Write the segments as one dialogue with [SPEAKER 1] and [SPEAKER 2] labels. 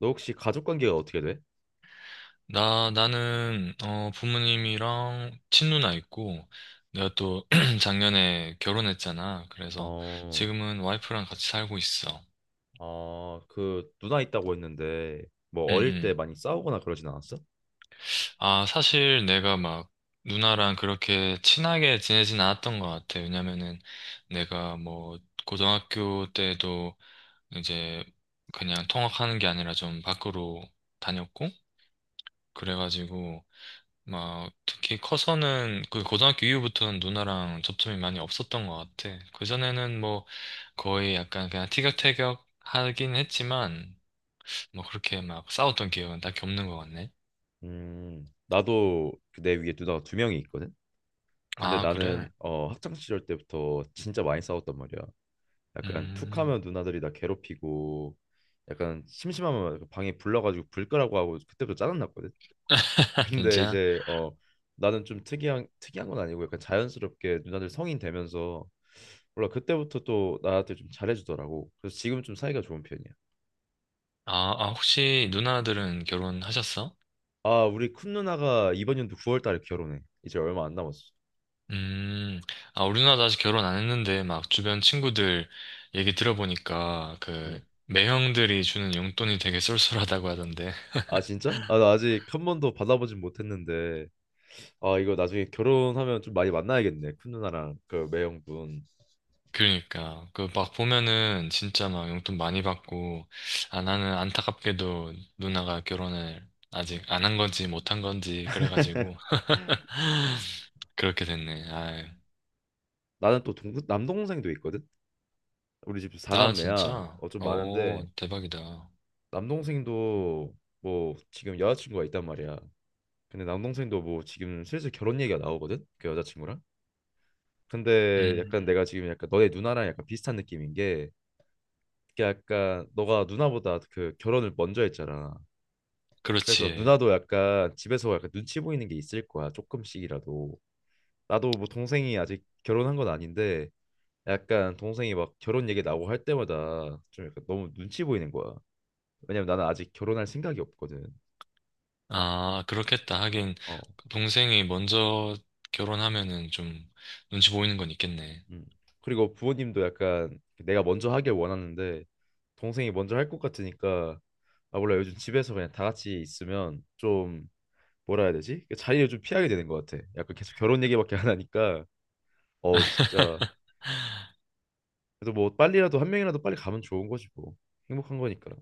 [SPEAKER 1] 너 혹시 가족 관계가 어떻게 돼?
[SPEAKER 2] 나는, 부모님이랑 친누나 있고, 내가 또 작년에 결혼했잖아. 그래서
[SPEAKER 1] 어,
[SPEAKER 2] 지금은 와이프랑 같이 살고 있어.
[SPEAKER 1] 아, 그 누나 있다고 했는데 뭐
[SPEAKER 2] 응,
[SPEAKER 1] 어릴 때
[SPEAKER 2] 응.
[SPEAKER 1] 많이 싸우거나 그러진 않았어?
[SPEAKER 2] 아, 사실 내가 막 누나랑 그렇게 친하게 지내진 않았던 것 같아. 왜냐면은 내가 뭐 고등학교 때도 이제 그냥 통학하는 게 아니라 좀 밖으로 다녔고, 그래가지고 막 특히 커서는 그 고등학교 이후부터는 누나랑 접점이 많이 없었던 것 같아. 그전에는 뭐 거의 약간 그냥 티격태격 하긴 했지만 뭐 그렇게 막 싸웠던 기억은 딱히 없는 것 같네.
[SPEAKER 1] 나도 그내 위에 누나가 두 명이 있거든. 근데
[SPEAKER 2] 아, 그래?
[SPEAKER 1] 나는 학창 시절 때부터 진짜 많이 싸웠단 말이야. 약간
[SPEAKER 2] 음.
[SPEAKER 1] 툭하면 누나들이 나 괴롭히고 약간 심심하면 방에 불러가지고 불 끄라고 하고 그때부터 짜증 났거든. 근데
[SPEAKER 2] 진짜?
[SPEAKER 1] 이제 나는 좀 특이한 건 아니고 약간 자연스럽게 누나들 성인 되면서 몰라 그때부터 또 나한테 좀 잘해주더라고. 그래서 지금 좀 사이가 좋은 편이야.
[SPEAKER 2] 아, 아, 혹시 누나들은 결혼하셨어?
[SPEAKER 1] 아 우리 큰 누나가 이번 연도 9월 달에 결혼해. 이제 얼마 안 남았어.
[SPEAKER 2] 음. 아, 우리 누나도 아직 결혼 안 했는데 막 주변 친구들 얘기 들어보니까
[SPEAKER 1] 응.
[SPEAKER 2] 그 매형들이 주는 용돈이 되게 쏠쏠하다고 하던데.
[SPEAKER 1] 아 진짜? 아 나 아직 한 번도 받아보진 못했는데 아 이거 나중에 결혼하면 좀 많이 만나야겠네. 큰 누나랑 그 매형분.
[SPEAKER 2] 그러니까 그 막 보면은 진짜 막 용돈 많이 받고. 아, 나는 안타깝게도 누나가 결혼을 아직 안 한 건지 못 한 건지 그래가지고 그렇게 됐네. 아.
[SPEAKER 1] 나는 또 남동생도 있거든. 우리 집
[SPEAKER 2] 나
[SPEAKER 1] 4남매야.
[SPEAKER 2] 진짜
[SPEAKER 1] 어 좀
[SPEAKER 2] 오
[SPEAKER 1] 많은데
[SPEAKER 2] 대박이다.
[SPEAKER 1] 남동생도 뭐 지금 여자친구가 있단 말이야. 근데 남동생도 뭐 지금 슬슬 결혼 얘기가 나오거든 그 여자친구랑. 근데
[SPEAKER 2] 음.
[SPEAKER 1] 약간 내가 지금 약간 너네 누나랑 약간 비슷한 느낌인 게, 그게 약간 너가 누나보다 그 결혼을 먼저 했잖아. 그래서
[SPEAKER 2] 그렇지.
[SPEAKER 1] 누나도 약간 집에서 약간 눈치 보이는 게 있을 거야, 조금씩이라도. 나도 뭐 동생이 아직 결혼한 건 아닌데 약간 동생이 막 결혼 얘기 나오고 할 때마다 좀 약간 너무 눈치 보이는 거야. 왜냐면 나는 아직 결혼할 생각이 없거든.
[SPEAKER 2] 아, 그렇겠다. 하긴
[SPEAKER 1] 어
[SPEAKER 2] 동생이 먼저 결혼하면은 좀 눈치 보이는 건 있겠네.
[SPEAKER 1] 음. 그리고 부모님도 약간 내가 먼저 하길 원하는데 동생이 먼저 할 것 같으니까, 아 몰라 요즘 집에서 그냥 다 같이 있으면 좀, 뭐라 해야 되지? 그 자리를 좀 피하게 되는 것 같아. 약간 계속 결혼 얘기밖에 안 하니까. 어 진짜 그래도 뭐 빨리라도 한 명이라도 빨리 가면 좋은 거지 뭐, 행복한 거니까.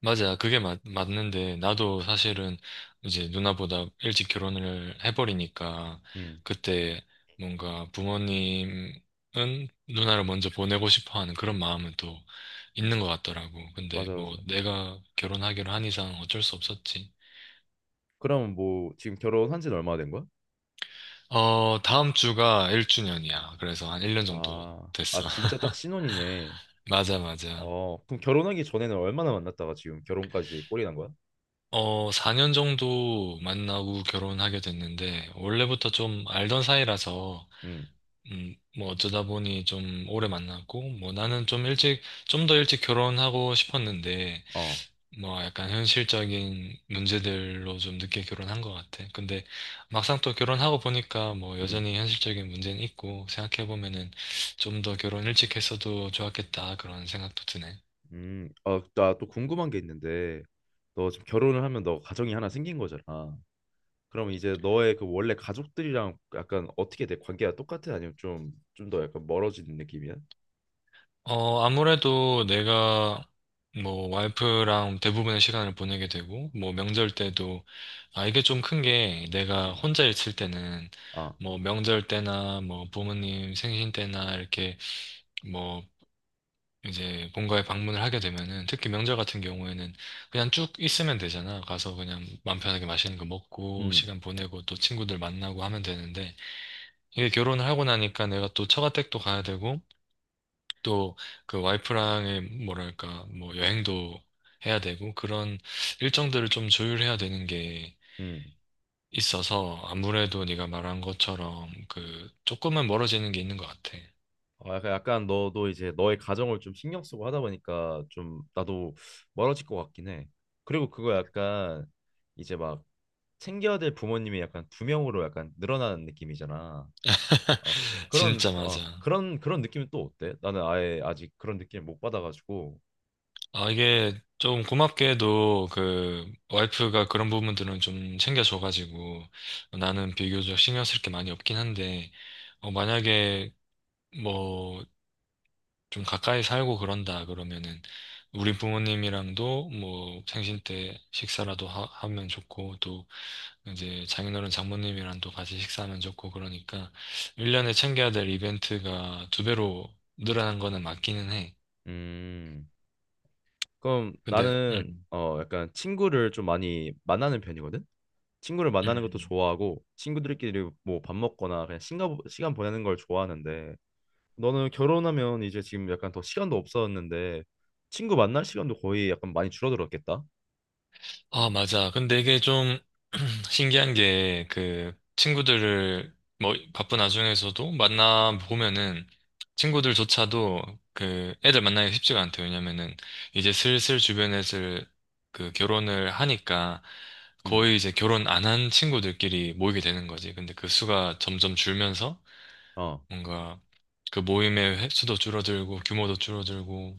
[SPEAKER 2] 맞아. 그게 맞는데, 나도 사실은 이제 누나보다 일찍 결혼을 해버리니까,
[SPEAKER 1] 음
[SPEAKER 2] 그때 뭔가 부모님은 누나를 먼저 보내고 싶어 하는 그런 마음은 또 있는 것 같더라고. 근데
[SPEAKER 1] 맞아 맞아.
[SPEAKER 2] 뭐 내가 결혼하기로 한 이상 어쩔 수 없었지.
[SPEAKER 1] 그럼 뭐 지금 결혼한 지는 얼마 된 거야?
[SPEAKER 2] 다음 주가 1주년이야. 그래서 한 1년 정도
[SPEAKER 1] 아, 아
[SPEAKER 2] 됐어.
[SPEAKER 1] 진짜 딱 신혼이네.
[SPEAKER 2] 맞아, 맞아.
[SPEAKER 1] 어 그럼 결혼하기 전에는 얼마나 만났다가 지금 결혼까지 꼬리 난 거야?
[SPEAKER 2] 4년 정도 만나고 결혼하게 됐는데, 원래부터 좀 알던 사이라서,
[SPEAKER 1] 음.
[SPEAKER 2] 뭐 어쩌다 보니 좀 오래 만났고, 뭐 나는 좀 일찍, 좀 더 일찍 결혼하고 싶었는데,
[SPEAKER 1] 어.
[SPEAKER 2] 뭐 약간 현실적인 문제들로 좀 늦게 결혼한 것 같아. 근데 막상 또 결혼하고 보니까 뭐
[SPEAKER 1] 음.
[SPEAKER 2] 여전히 현실적인 문제는 있고, 생각해보면은 좀 더 결혼 일찍 했어도 좋았겠다, 그런 생각도 드네.
[SPEAKER 1] 아, 나 또 궁금한 게 있는데, 너 지금 결혼을 하면 너 가정이 하나 생긴 거잖아. 그럼 이제 너의 그 원래 가족들이랑 약간 어떻게 돼? 관계가 똑같아? 아니면 좀, 좀 더 약간 멀어지는 느낌이야?
[SPEAKER 2] 아무래도 내가 뭐 와이프랑 대부분의 시간을 보내게 되고, 뭐 명절 때도, 아, 이게 좀 큰 게 내가
[SPEAKER 1] 음.
[SPEAKER 2] 혼자 있을 때는
[SPEAKER 1] 아,
[SPEAKER 2] 뭐 명절 때나 뭐 부모님 생신 때나 이렇게 뭐 이제 본가에 방문을 하게 되면은 특히 명절 같은 경우에는 그냥 쭉 있으면 되잖아. 가서 그냥 맘 편하게 맛있는 거 먹고
[SPEAKER 1] 음,
[SPEAKER 2] 시간 보내고 또 친구들 만나고 하면 되는데 이게 결혼을 하고 나니까 내가 또 처가댁도 가야 되고 또 그 와이프랑의 뭐랄까 뭐 여행도 해야 되고 그런 일정들을 좀 조율해야 되는 게
[SPEAKER 1] 음.
[SPEAKER 2] 있어서 아무래도 네가 말한 것처럼 그 조금은 멀어지는 게 있는 것 같아.
[SPEAKER 1] 어, 약간, 약간 너도 이제 너의 가정을 좀 신경 쓰고 하다 보니까 좀 나도 멀어질 것 같긴 해. 그리고 그거 약간 이제 막 챙겨야 될 부모님이 약간 두 명으로 약간 늘어나는 느낌이잖아. 어,
[SPEAKER 2] 진짜 맞아.
[SPEAKER 1] 그런 느낌은 또 어때? 나는 아예 아직 그런 느낌 못 받아가지고.
[SPEAKER 2] 아, 이게 좀 고맙게도 그 와이프가 그런 부분들은 좀 챙겨줘가지고 나는 비교적 신경 쓸 게 많이 없긴 한데 만약에 뭐 좀 가까이 살고 그런다 그러면은 우리 부모님이랑도 뭐 생신 때 식사라도 하, 면 좋고 또 이제 장인어른 장모님이랑도 같이 식사하면 좋고 그러니까 1년에 챙겨야 될 이벤트가 두 배로 늘어난 거는 맞기는 해.
[SPEAKER 1] 음. 그럼
[SPEAKER 2] 근데
[SPEAKER 1] 나는 약간 친구를 좀 많이 만나는 편이거든. 친구를 만나는 것도
[SPEAKER 2] 음.
[SPEAKER 1] 좋아하고 친구들끼리 뭐 밥 먹거나 그냥 시간 보내는 걸 좋아하는데 너는 결혼하면 이제 지금 약간 더 시간도 없었는데 친구 만날 시간도 거의 약간 많이 줄어들었겠다.
[SPEAKER 2] 아, 맞아. 근데 이게 좀 신기한 게 그 친구들을 뭐 바쁜 와중에서도 만나 보면은 친구들조차도 그 애들 만나기가 쉽지가 않대요. 왜냐면은 이제 슬슬 주변에서 그 결혼을 하니까
[SPEAKER 1] 음.
[SPEAKER 2] 거의 이제 결혼 안 한 친구들끼리 모이게 되는 거지. 근데 그 수가 점점 줄면서
[SPEAKER 1] 어.
[SPEAKER 2] 뭔가 그 모임의 횟수도 줄어들고 규모도 줄어들고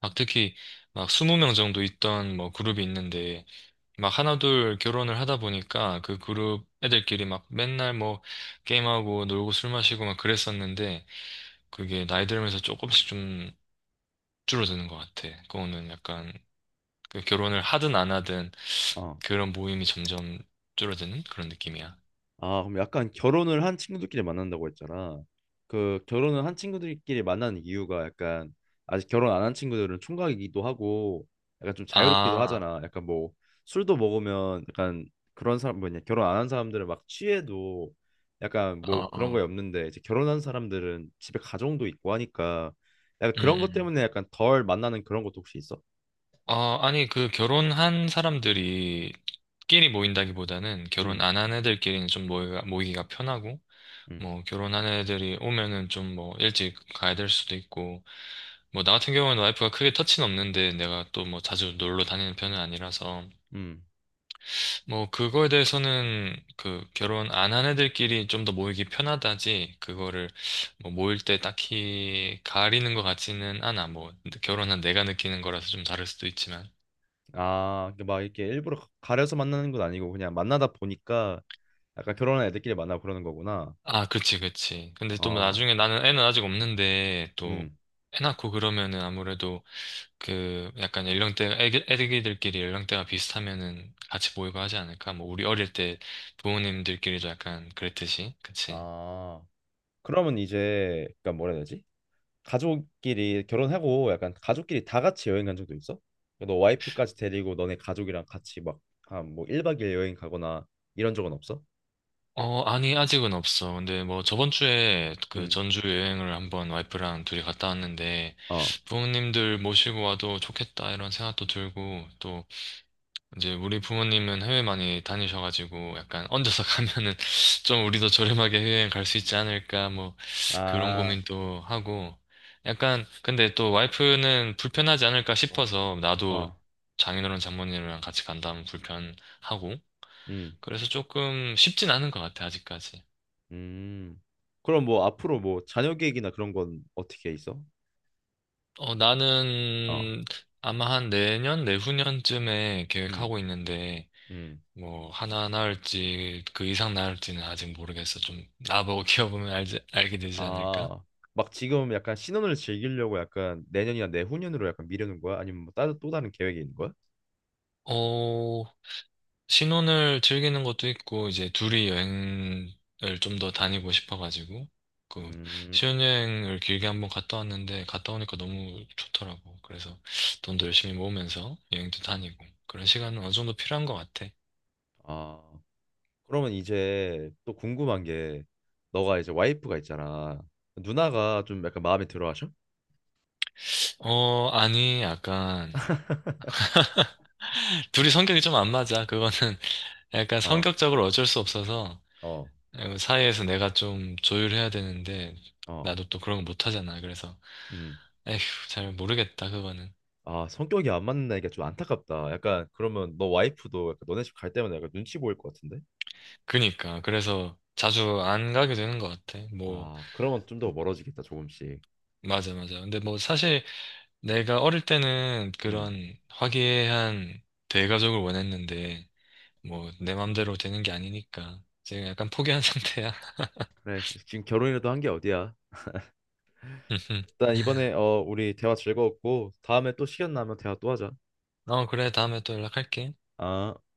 [SPEAKER 2] 막 특히 막 20명 정도 있던 뭐 그룹이 있는데 막 하나둘 결혼을 하다 보니까 그 그룹 애들끼리 막 맨날 뭐 게임하고 놀고 술 마시고 막 그랬었는데 그게 나이 들면서 조금씩 좀 줄어드는 것 같아. 그거는 약간 그 결혼을 하든 안 하든
[SPEAKER 1] 어.
[SPEAKER 2] 그런 모임이 점점 줄어드는 그런 느낌이야.
[SPEAKER 1] 아, 그럼 약간 결혼을 한 친구들끼리 만난다고 했잖아. 그 결혼을 한 친구들끼리 만나는 이유가 약간 아직 결혼 안 한 친구들은 총각이기도 하고 약간 좀 자유롭기도
[SPEAKER 2] 아,
[SPEAKER 1] 하잖아. 약간 뭐 술도 먹으면 약간 그런 사람 뭐냐 결혼 안 한 사람들은 막 취해도 약간
[SPEAKER 2] 어,
[SPEAKER 1] 뭐 그런 거에
[SPEAKER 2] 어.
[SPEAKER 1] 없는데 이제 결혼한 사람들은 집에 가정도 있고 하니까 약간
[SPEAKER 2] 음,
[SPEAKER 1] 그런 것
[SPEAKER 2] 음.
[SPEAKER 1] 때문에 약간 덜 만나는 그런 것도 혹시 있어?
[SPEAKER 2] 아니, 그 결혼한 사람들이 끼리 모인다기보다는 결혼
[SPEAKER 1] 음,
[SPEAKER 2] 안 한 애들끼리는 좀 모이기가 편하고
[SPEAKER 1] 음,
[SPEAKER 2] 뭐 결혼한 애들이 오면은 좀 뭐 일찍 가야 될 수도 있고 뭐 나 같은 경우는 와이프가 크게 터치는 없는데 내가 또 뭐 자주 놀러 다니는 편은 아니라서
[SPEAKER 1] 음.
[SPEAKER 2] 뭐 그거에 대해서는 그 결혼 안 한 애들끼리 좀 더 모이기 편하다지 그거를 뭐 모일 때 딱히 가리는 것 같지는 않아. 뭐 결혼한 내가 느끼는 거라서 좀 다를 수도 있지만.
[SPEAKER 1] 아, 그러니까 막 이렇게 일부러 가려서 만나는 건 아니고 그냥 만나다 보니까 약간 결혼한 애들끼리 만나고 그러는 거구나.
[SPEAKER 2] 아, 그치, 그치, 근데 또뭐
[SPEAKER 1] 어,
[SPEAKER 2] 나중에 나는 애는 아직 없는데 또
[SPEAKER 1] 음.
[SPEAKER 2] 애 낳고 그러면은 아무래도 그 약간 연령대 애기들끼리 연령대가 비슷하면은 같이 모이고 하지 않을까? 뭐 우리 어릴 때 부모님들끼리도 약간 그랬듯이, 그치?
[SPEAKER 1] 아, 그러면 이제, 그니까 뭐라 해야 되지? 가족끼리 결혼하고 약간 가족끼리 다 같이 여행 간 적도 있어? 너 와이프까지 데리고 너네 가족이랑 같이 막, 한뭐 1박 2일 여행 가거나 이런 적은 없어?
[SPEAKER 2] 아니, 아직은 없어. 근데 뭐 저번 주에 그
[SPEAKER 1] 음,
[SPEAKER 2] 전주 여행을 한번 와이프랑 둘이 갔다 왔는데
[SPEAKER 1] 어.
[SPEAKER 2] 부모님들 모시고 와도 좋겠다 이런 생각도 들고 또 이제 우리 부모님은 해외 많이 다니셔가지고 약간 얹어서 가면은 좀 우리도 저렴하게 해외여행 갈 수 있지 않을까 뭐 그런
[SPEAKER 1] 아,
[SPEAKER 2] 고민도 하고 약간 근데 또 와이프는 불편하지 않을까
[SPEAKER 1] 어.
[SPEAKER 2] 싶어서 나도
[SPEAKER 1] 어,
[SPEAKER 2] 장인어른 장모님이랑 같이 간다면 불편하고,
[SPEAKER 1] 음,
[SPEAKER 2] 그래서 조금 쉽진 않은 것 같아 아직까지.
[SPEAKER 1] 음. 그럼 뭐 앞으로 뭐 자녀 계획이나 그런 건 어떻게 있어? 어,
[SPEAKER 2] 나는 아마 한 내년 내후년쯤에
[SPEAKER 1] 음,
[SPEAKER 2] 계획하고 있는데
[SPEAKER 1] 음.
[SPEAKER 2] 뭐 하나 나올지 그 이상 나올지는 아직 모르겠어. 좀 나보고 키워보면 알지, 알게 되지 않을까?
[SPEAKER 1] 아, 막 지금 약간 신혼을 즐기려고 약간 내년이나 내후년으로 약간 미루는 거야? 아니면 뭐 따로 또 다른 계획이 있는 거야?
[SPEAKER 2] 어, 신혼을 즐기는 것도 있고 이제 둘이 여행을 좀 더 다니고 싶어가지고 그
[SPEAKER 1] 음,
[SPEAKER 2] 신혼여행을 길게 한번 갔다 왔는데 갔다 오니까 너무 좋더라고. 그래서 돈도 열심히 모으면서 여행도 다니고 그런 시간은 어느 정도 필요한 것 같아.
[SPEAKER 1] 아, 그러면 이제 또 궁금한 게 너가 이제 와이프가 있잖아. 누나가 좀 약간 마음에 들어 하셔?
[SPEAKER 2] 아니, 약간 둘이 성격이 좀 안 맞아. 그거는 약간
[SPEAKER 1] 어,
[SPEAKER 2] 성격적으로 어쩔 수 없어서.
[SPEAKER 1] 어,
[SPEAKER 2] 사회에서 내가 좀 조율해야 되는데
[SPEAKER 1] 어,
[SPEAKER 2] 나도 또 그런 거 못하잖아. 그래서
[SPEAKER 1] 음.
[SPEAKER 2] 에휴, 잘 모르겠다 그거는.
[SPEAKER 1] 아, 성격이 안 맞는 애가 좀 안타깝다. 약간 그러면 너 와이프도 약간 너네 집 갈 때마다 약간 눈치 보일 것 같은데?
[SPEAKER 2] 그니까 그래서 자주 안 가게 되는 것 같아. 뭐
[SPEAKER 1] 아, 그러면 좀 더 멀어지겠다, 조금씩.
[SPEAKER 2] 맞아, 맞아. 근데 뭐 사실 내가 어릴 때는
[SPEAKER 1] 음.
[SPEAKER 2] 그런 화기애애한 대가족을 원했는데 뭐 내 맘대로 되는 게 아니니까 지금 약간 포기한 상태야.
[SPEAKER 1] 그래, 지금 결혼이라도 한 게 어디야? 일단 이번에 어 우리 대화 즐거웠고 다음에 또 시간 나면 대화 또 하자.
[SPEAKER 2] 어, 그래, 다음에 또 연락할게.
[SPEAKER 1] 아.